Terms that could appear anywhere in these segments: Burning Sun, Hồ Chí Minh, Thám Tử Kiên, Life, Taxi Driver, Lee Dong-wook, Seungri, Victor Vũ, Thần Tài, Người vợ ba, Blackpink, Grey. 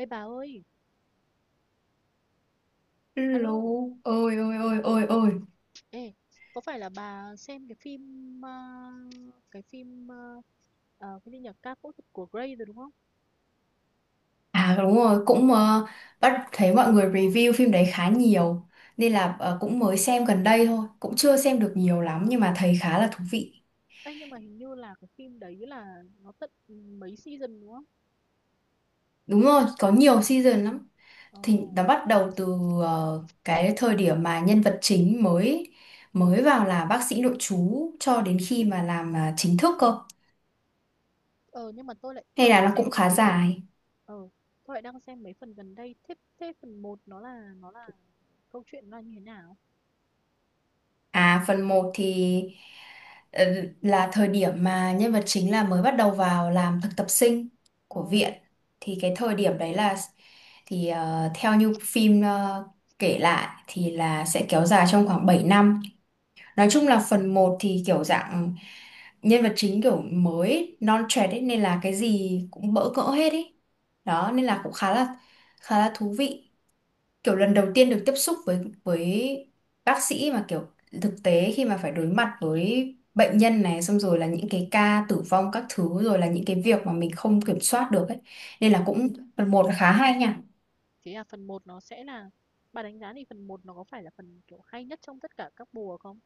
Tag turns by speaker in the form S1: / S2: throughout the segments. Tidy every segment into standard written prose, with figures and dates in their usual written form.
S1: Ê bà ơi,
S2: Lô.
S1: alo,
S2: Ôi ôi ôi ôi ôi.
S1: ê, có phải là bà xem cái phim cái phim cái gì nhỉ, ca phẫu thuật của Grey rồi đúng không?
S2: À, đúng rồi, cũng bắt thấy mọi người review phim đấy khá nhiều nên là cũng mới xem gần đây thôi, cũng chưa xem được nhiều lắm nhưng mà thấy khá là thú vị.
S1: Ê, nhưng mà hình như là cái phim đấy là nó tận mấy season đúng không?
S2: Đúng rồi, có nhiều season lắm.
S1: Ồ.
S2: Thì nó bắt đầu từ cái thời điểm mà nhân vật chính mới mới vào là bác sĩ nội trú cho đến khi mà làm chính thức cơ.
S1: ờ nhưng mà tôi lại
S2: Hay là
S1: đang
S2: nó cũng
S1: xem mấy
S2: khá
S1: cái phần.
S2: dài.
S1: ờ tôi lại đang xem mấy phần gần đây. Thế thế phần một nó là câu chuyện nó là như thế nào?
S2: À, phần một thì ờ, là thời điểm mà nhân vật chính là mới bắt đầu vào làm thực tập sinh
S1: Ồ.
S2: của viện. Thì cái thời điểm đấy là, thì theo như phim kể lại thì là sẽ kéo dài trong khoảng 7 năm. Nói
S1: Ồ.
S2: chung là phần một thì kiểu dạng nhân vật chính kiểu mới non trẻ ấy nên là cái gì cũng bỡ ngỡ hết ý. Đó nên là cũng khá là thú vị, kiểu lần đầu tiên được tiếp xúc với với bác sĩ mà kiểu thực tế, khi mà phải đối mặt với bệnh nhân này, xong rồi là những cái ca tử vong các thứ, rồi là những cái
S1: Ồ.
S2: việc mà mình không kiểm soát được ấy, nên là cũng phần một là khá hay nha.
S1: Thế à, phần một nó sẽ là, bà đánh giá thì phần một nó có phải là phần kiểu hay nhất trong tất cả các mùa không?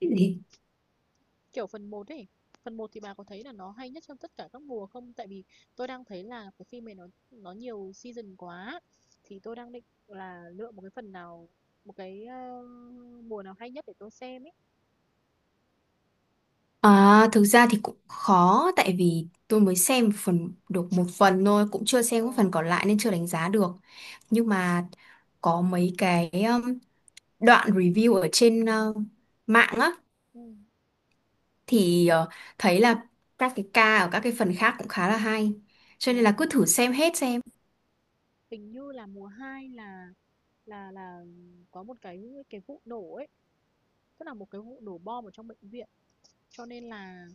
S2: Cái gì?
S1: Kiểu phần một ấy, phần một thì bà có thấy là nó hay nhất trong tất cả các mùa không, tại vì tôi đang thấy là cái phim này nó nhiều season quá. Thì tôi đang định là lựa một cái phần nào, một cái mùa nào hay nhất để tôi xem ấy.
S2: À, thực ra thì cũng khó, tại vì tôi mới xem một phần được một phần thôi, cũng chưa xem
S1: Ồ.
S2: cái phần còn lại nên chưa đánh giá được. Nhưng mà có mấy cái đoạn review ở trên mạng á.
S1: Ừ.
S2: Thì thấy là các cái ca ở các cái phần khác cũng khá là hay, cho
S1: Ồ.
S2: nên là cứ thử xem hết xem.
S1: Hình như là mùa 2 là có một cái vụ nổ ấy, tức là một cái vụ nổ bom ở trong bệnh viện, cho nên là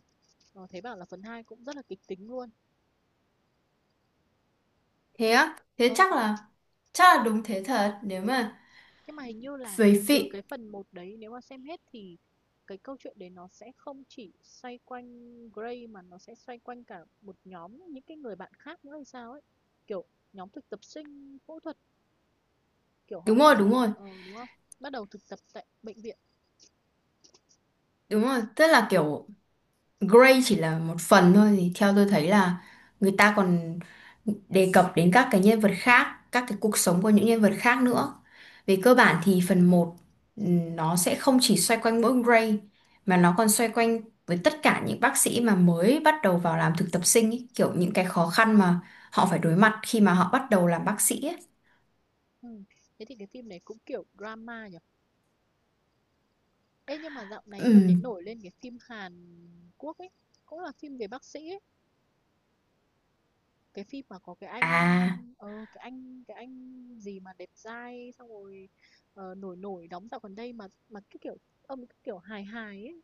S1: thấy bảo là phần 2 cũng rất là kịch tính luôn.
S2: Thế á? Thế
S1: ờ
S2: chắc là đúng thế thật, nếu mà
S1: nhưng mà hình như là
S2: về
S1: từ
S2: phị
S1: cái phần một đấy, nếu mà xem hết thì cái câu chuyện đấy nó sẽ không chỉ xoay quanh Gray mà nó sẽ xoay quanh cả một nhóm những cái người bạn khác nữa hay sao ấy, kiểu nhóm thực tập sinh phẫu thuật, kiểu
S2: đúng
S1: họ
S2: rồi, đúng rồi,
S1: đúng không, bắt đầu thực tập tại bệnh viện.
S2: đúng rồi. Tức là kiểu Grey chỉ là một phần thôi, thì theo tôi thấy là người ta còn đề cập đến các cái nhân vật khác, các cái cuộc sống của những nhân vật khác nữa. Về cơ bản thì phần một, ừ, nó sẽ không chỉ xoay quanh mỗi Grey mà nó còn xoay quanh với tất cả những bác sĩ mà mới bắt đầu vào làm thực tập sinh ý, kiểu những cái khó khăn mà họ phải đối mặt khi mà họ bắt đầu làm bác sĩ ấy.
S1: Ừ. Thế thì cái phim này cũng kiểu drama nhỉ. Ê, nhưng mà dạo này tôi thấy
S2: Ừm.
S1: nổi lên cái phim Hàn Quốc ấy, cũng là phim về bác sĩ ấy, cái phim mà có cái anh
S2: À,
S1: cái anh gì mà đẹp trai, xong rồi nổi nổi đóng dạo gần đây, mà cái kiểu ông, cái kiểu hài hài ấy,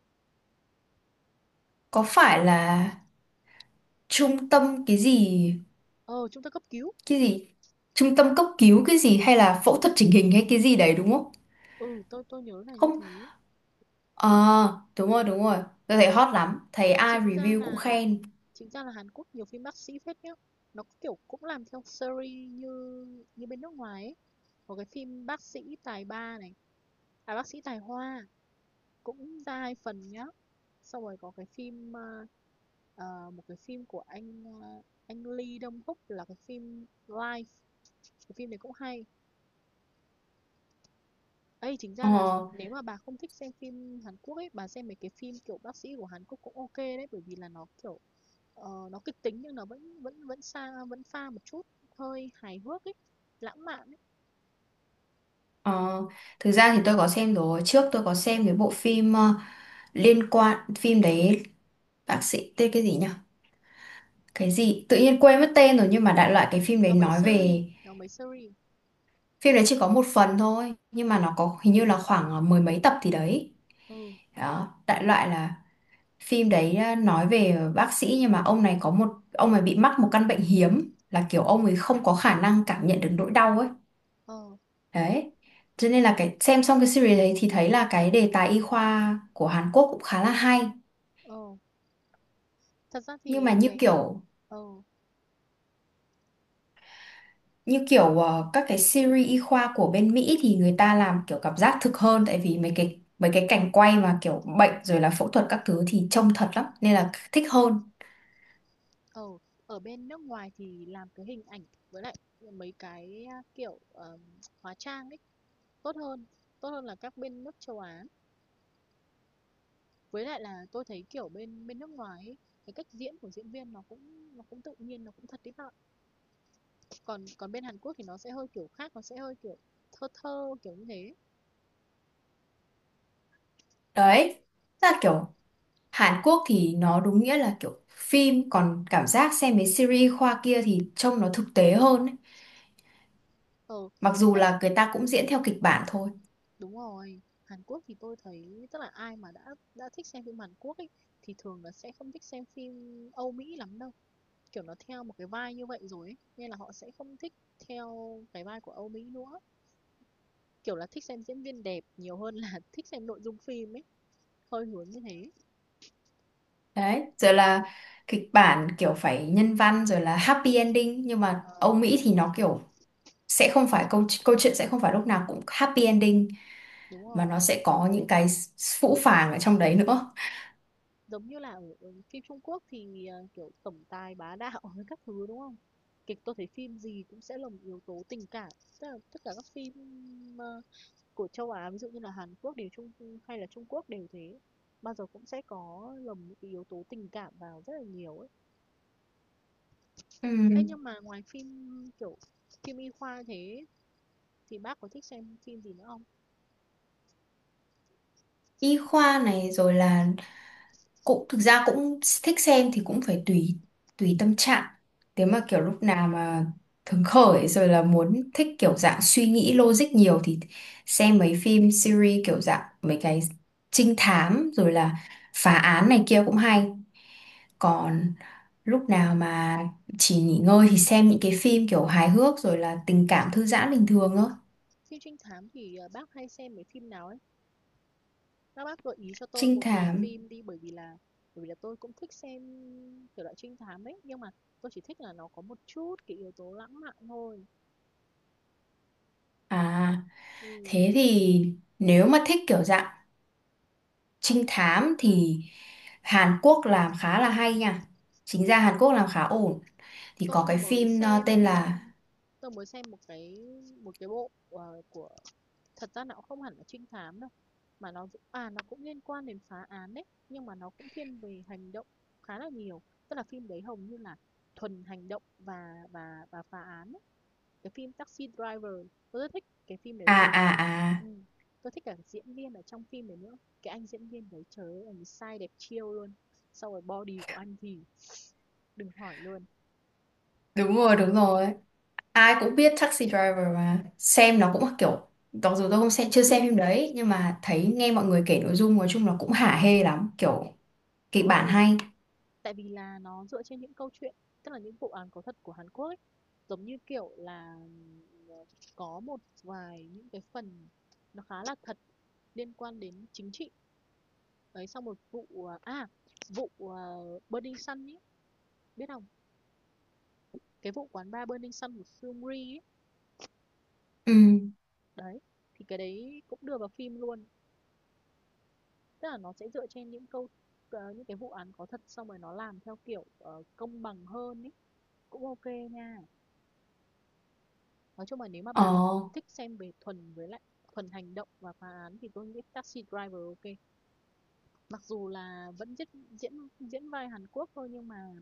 S2: có phải là trung tâm cái gì,
S1: ờ chúng ta cấp cứu.
S2: cái gì trung tâm cấp cứu cái gì, hay là phẫu thuật chỉnh hình hay cái gì đấy đúng không?
S1: Ừ, tôi nhớ là như
S2: Không,
S1: thế.
S2: ờ đúng rồi, đúng rồi. Tôi thấy hot lắm, thấy ai
S1: chính ra
S2: review cũng
S1: là
S2: khen.
S1: chính ra là Hàn Quốc nhiều phim bác sĩ phết nhá, nó kiểu cũng làm theo series như như bên nước ngoài ấy. Có cái phim bác sĩ tài ba này, à bác sĩ tài hoa, cũng ra 2 phần nhá. Xong rồi có cái phim, một cái phim của anh, anh Lee Dong-wook, là cái phim Life, cái phim này cũng hay. Ê, chính ra
S2: ờ
S1: là nếu mà bà không thích xem phim Hàn Quốc ấy, bà xem mấy cái phim kiểu bác sĩ của Hàn Quốc cũng ok đấy, bởi vì là nó kiểu, nó kịch tính nhưng nó vẫn vẫn vẫn xa vẫn pha một chút hơi hài hước ấy, lãng mạn ấy.
S2: ờ Thực ra thì tôi có xem rồi, trước tôi có xem cái bộ phim liên quan phim đấy. Bác sĩ tên cái gì nhỉ? Cái gì tự nhiên quên mất tên rồi, nhưng mà đại loại cái phim đấy
S1: Nó mấy
S2: nói
S1: series,
S2: về,
S1: nó mấy series.
S2: phim đấy chỉ có một phần thôi nhưng mà nó có hình như là khoảng mười mấy tập thì đấy.
S1: Ừ.
S2: Đó đại loại là phim đấy à, nói về bác sĩ, nhưng mà ông này có, một ông này bị mắc một căn bệnh hiếm là kiểu ông ấy không có khả năng cảm nhận được nỗi đau ấy.
S1: ờ,
S2: Đấy, cho nên là cái xem xong cái series đấy thì thấy là cái đề tài y khoa của Hàn Quốc cũng khá là hay.
S1: ờ. Thật ra
S2: Nhưng mà
S1: thì
S2: như
S1: cái
S2: kiểu
S1: ờ.
S2: ờ, các cái series y khoa của bên Mỹ thì người ta làm kiểu cảm giác thực hơn, tại vì mấy cái cảnh quay mà kiểu bệnh rồi là phẫu thuật các thứ thì trông thật lắm nên là thích hơn.
S1: Ờ, ở bên nước ngoài thì làm cái hình ảnh, với lại mấy cái kiểu hóa trang ấy, tốt hơn, tốt hơn là các bên nước châu Á. Với lại là tôi thấy kiểu bên bên nước ngoài ấy, cái cách diễn của diễn viên nó cũng tự nhiên, nó cũng thật đấy bạn. Còn còn bên Hàn Quốc thì nó sẽ hơi kiểu khác, nó sẽ hơi kiểu thơ thơ kiểu như thế.
S2: Đấy, là kiểu Hàn Quốc thì nó đúng nghĩa là kiểu phim, còn cảm giác xem mấy series khoa kia thì trông nó thực tế hơn ấy.
S1: Ờ,
S2: Mặc dù
S1: thế
S2: là người ta cũng diễn theo kịch bản thôi.
S1: đúng rồi. Hàn Quốc thì tôi thấy tức là ai mà đã thích xem phim Hàn Quốc ấy thì thường là sẽ không thích xem phim Âu Mỹ lắm đâu. Kiểu nó theo một cái vai như vậy rồi ấy, nên là họ sẽ không thích theo cái vai của Âu Mỹ nữa. Kiểu là thích xem diễn viên đẹp nhiều hơn là thích xem nội dung phim ấy. Hơi hướng như thế.
S2: Đấy, rồi là kịch bản kiểu phải nhân văn rồi là happy ending, nhưng mà
S1: Ờ,
S2: Âu Mỹ thì nó kiểu sẽ không phải câu câu chuyện, sẽ không phải lúc nào cũng happy ending
S1: đúng
S2: mà
S1: rồi.
S2: nó sẽ có những cái phũ phàng ở trong đấy nữa.
S1: Giống như là ở phim Trung Quốc thì kiểu tổng tài bá đạo với các thứ đúng không? Kịch tôi thấy phim gì cũng sẽ lồng yếu tố tình cảm. Tức là tất cả các phim ờ, của châu Á, ví dụ như là Hàn Quốc đều Trung hay là Trung Quốc đều thế. Bao giờ cũng sẽ có lồng những cái yếu tố tình cảm vào rất là nhiều ấy. Ê,
S2: Ừm,
S1: nhưng mà ngoài phim kiểu phim y khoa thế, thì bác có thích xem phim gì nữa không?
S2: y khoa này rồi là, cũng thực ra cũng thích xem, thì cũng phải tùy tùy tâm trạng. Nếu mà kiểu lúc nào mà hứng khởi rồi là muốn thích kiểu dạng suy nghĩ logic nhiều thì xem mấy phim series kiểu dạng mấy cái trinh thám rồi là phá án này kia cũng hay. Còn lúc nào mà chỉ nghỉ ngơi thì xem những cái phim kiểu hài hước rồi là tình cảm thư giãn bình thường thôi.
S1: Phim trinh thám thì bác hay xem mấy phim nào ấy? Các bác gợi ý cho tôi
S2: Trinh
S1: một vài
S2: thám
S1: phim đi, bởi vì là tôi cũng thích xem kiểu loại trinh thám ấy, nhưng mà tôi chỉ thích là nó có một chút cái yếu tố lãng mạn thôi.
S2: à?
S1: Ừ,
S2: Thế thì nếu mà thích kiểu dạng trinh thám thì Hàn Quốc làm khá là hay nha, chính ra Hàn Quốc làm khá ổn. Thì có
S1: tôi
S2: cái
S1: mới
S2: phim tên
S1: xem
S2: là
S1: một cái bộ của, thật ra nó cũng không hẳn là trinh thám đâu, mà nó nó cũng liên quan đến phá án đấy, nhưng mà nó cũng thiên về hành động khá là nhiều, tức là phim đấy hầu như là thuần hành động và phá án ấy. Cái phim Taxi Driver tôi rất thích cái phim đấy
S2: à
S1: luôn.
S2: à à,
S1: Ừ. Tôi thích cả diễn viên ở trong phim đấy nữa, cái anh diễn viên đấy trời ơi anh sai đẹp chiêu luôn, sau rồi body của anh thì đừng hỏi luôn.
S2: đúng rồi, đúng rồi. Ai cũng biết Taxi Driver mà, xem nó cũng kiểu, mặc dù tôi không xem, chưa xem phim đấy, nhưng mà thấy nghe mọi người kể nội dung nói chung là cũng hả hê lắm, kiểu kịch bản
S1: Ừ.
S2: hay.
S1: Tại vì là nó dựa trên những câu chuyện, tức là những vụ án có thật của Hàn Quốc ấy. Giống như, kiểu là, ờ, có một vài những cái phần nó khá là thật, liên quan đến chính trị. Đấy, xong một vụ, vụ Burning Sun ấy, biết không? Cái vụ quán bar Burning Sun của Seungri ấy.
S2: Ừ.
S1: Đấy, thì cái đấy cũng đưa vào phim luôn. Tức là nó sẽ dựa trên những câu những cái vụ án có thật, xong rồi nó làm theo kiểu công bằng hơn ấy, cũng ok nha. Nói chung là nếu mà bà
S2: ờ
S1: thích xem về thuần, với lại thuần hành động và phá án thì tôi nghĩ Taxi Driver ok. Mặc dù là vẫn diễn diễn diễn vai Hàn Quốc thôi, nhưng mà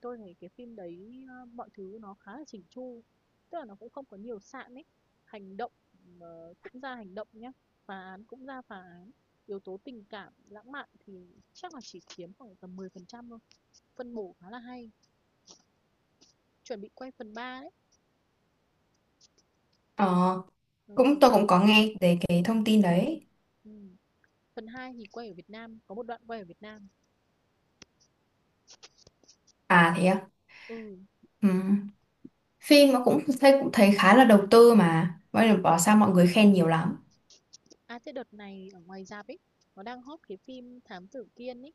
S1: tôi thấy cái phim đấy mọi thứ nó khá là chỉnh chu. Tức là nó cũng không có nhiều sạn ấy. Hành động cũng ra hành động nhá, phá án cũng ra phá án. Yếu tố tình cảm, lãng mạn thì chắc là chỉ chiếm khoảng tầm 10% thôi. Phân bổ khá là hay. Chuẩn bị quay phần 3 đấy.
S2: ờ
S1: Ừ.
S2: Cũng tôi cũng có nghe về cái thông
S1: Ừ.
S2: tin đấy.
S1: Ừ. Phần 2 thì quay ở Việt Nam, có một đoạn quay ở Việt Nam.
S2: À thế à.
S1: Ừ.
S2: Ừ, phim mà cũng thấy, cũng thấy khá là đầu tư mà, vậy là bảo sao
S1: Ừm.
S2: mọi người khen nhiều lắm.
S1: À, thế đợt này ở ngoài rạp ấy, nó đang hot cái phim Thám Tử Kiên ấy,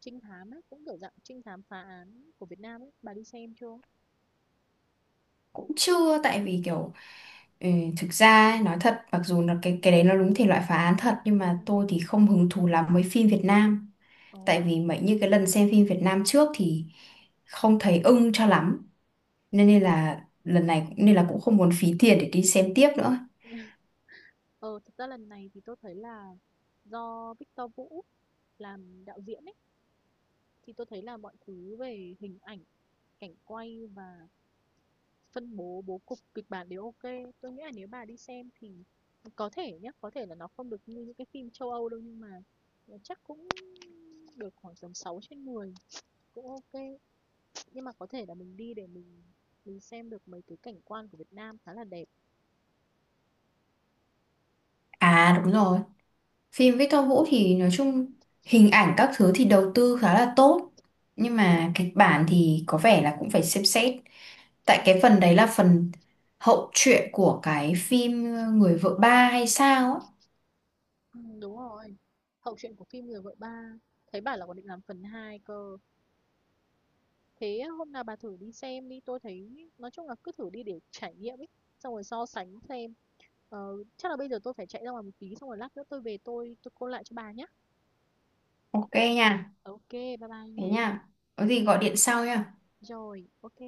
S1: trinh thám ấy, cũng kiểu dạng trinh thám phá án của Việt Nam ấy, bà đi xem chưa?
S2: Cũng chưa, tại vì kiểu, ừ, thực ra ấy, nói thật mặc dù là cái đấy nó đúng thể loại phá án thật nhưng
S1: Ừ.
S2: mà tôi thì không hứng thú lắm với phim Việt Nam.
S1: Ồ.
S2: Tại vì mấy như cái lần xem phim Việt Nam trước thì không thấy ưng cho lắm, nên là lần này nên là cũng không muốn phí tiền để đi xem tiếp nữa.
S1: Ờ, thật ra lần này thì tôi thấy là do Victor Vũ làm đạo diễn ấy, thì tôi thấy là mọi thứ về hình ảnh, cảnh quay và phân bố bố cục kịch bản đều ok. Tôi nghĩ là nếu bà đi xem thì có thể nhé, có thể là nó không được như những cái phim châu Âu đâu, nhưng mà chắc cũng được khoảng tầm 6 trên mười cũng ok, nhưng mà có thể là mình đi để mình xem được mấy cái cảnh quan của Việt Nam khá là đẹp.
S2: À đúng rồi. Phim với Tom Vũ thì nói chung hình ảnh các thứ thì đầu tư khá là tốt, nhưng mà kịch bản thì có vẻ là cũng phải xem xét. Tại
S1: Ừ.
S2: cái phần đấy là phần hậu truyện của cái phim Người vợ ba hay sao á.
S1: Ừ, đúng rồi. Hậu truyện của phim Người vợ ba. Thấy bảo là còn định làm phần 2 cơ. Thế hôm nào bà thử đi xem đi. Tôi thấy nói chung là cứ thử đi để trải nghiệm ấy. Xong rồi so sánh xem. Ờ, chắc là bây giờ tôi phải chạy ra ngoài một tí. Xong rồi lát nữa tôi về tôi call lại cho bà nhé.
S2: Ok nha.
S1: Ok bye bye
S2: Thế
S1: nha.
S2: nha.
S1: Ừ.
S2: Có gì gọi điện sau nha.
S1: Rồi, ok.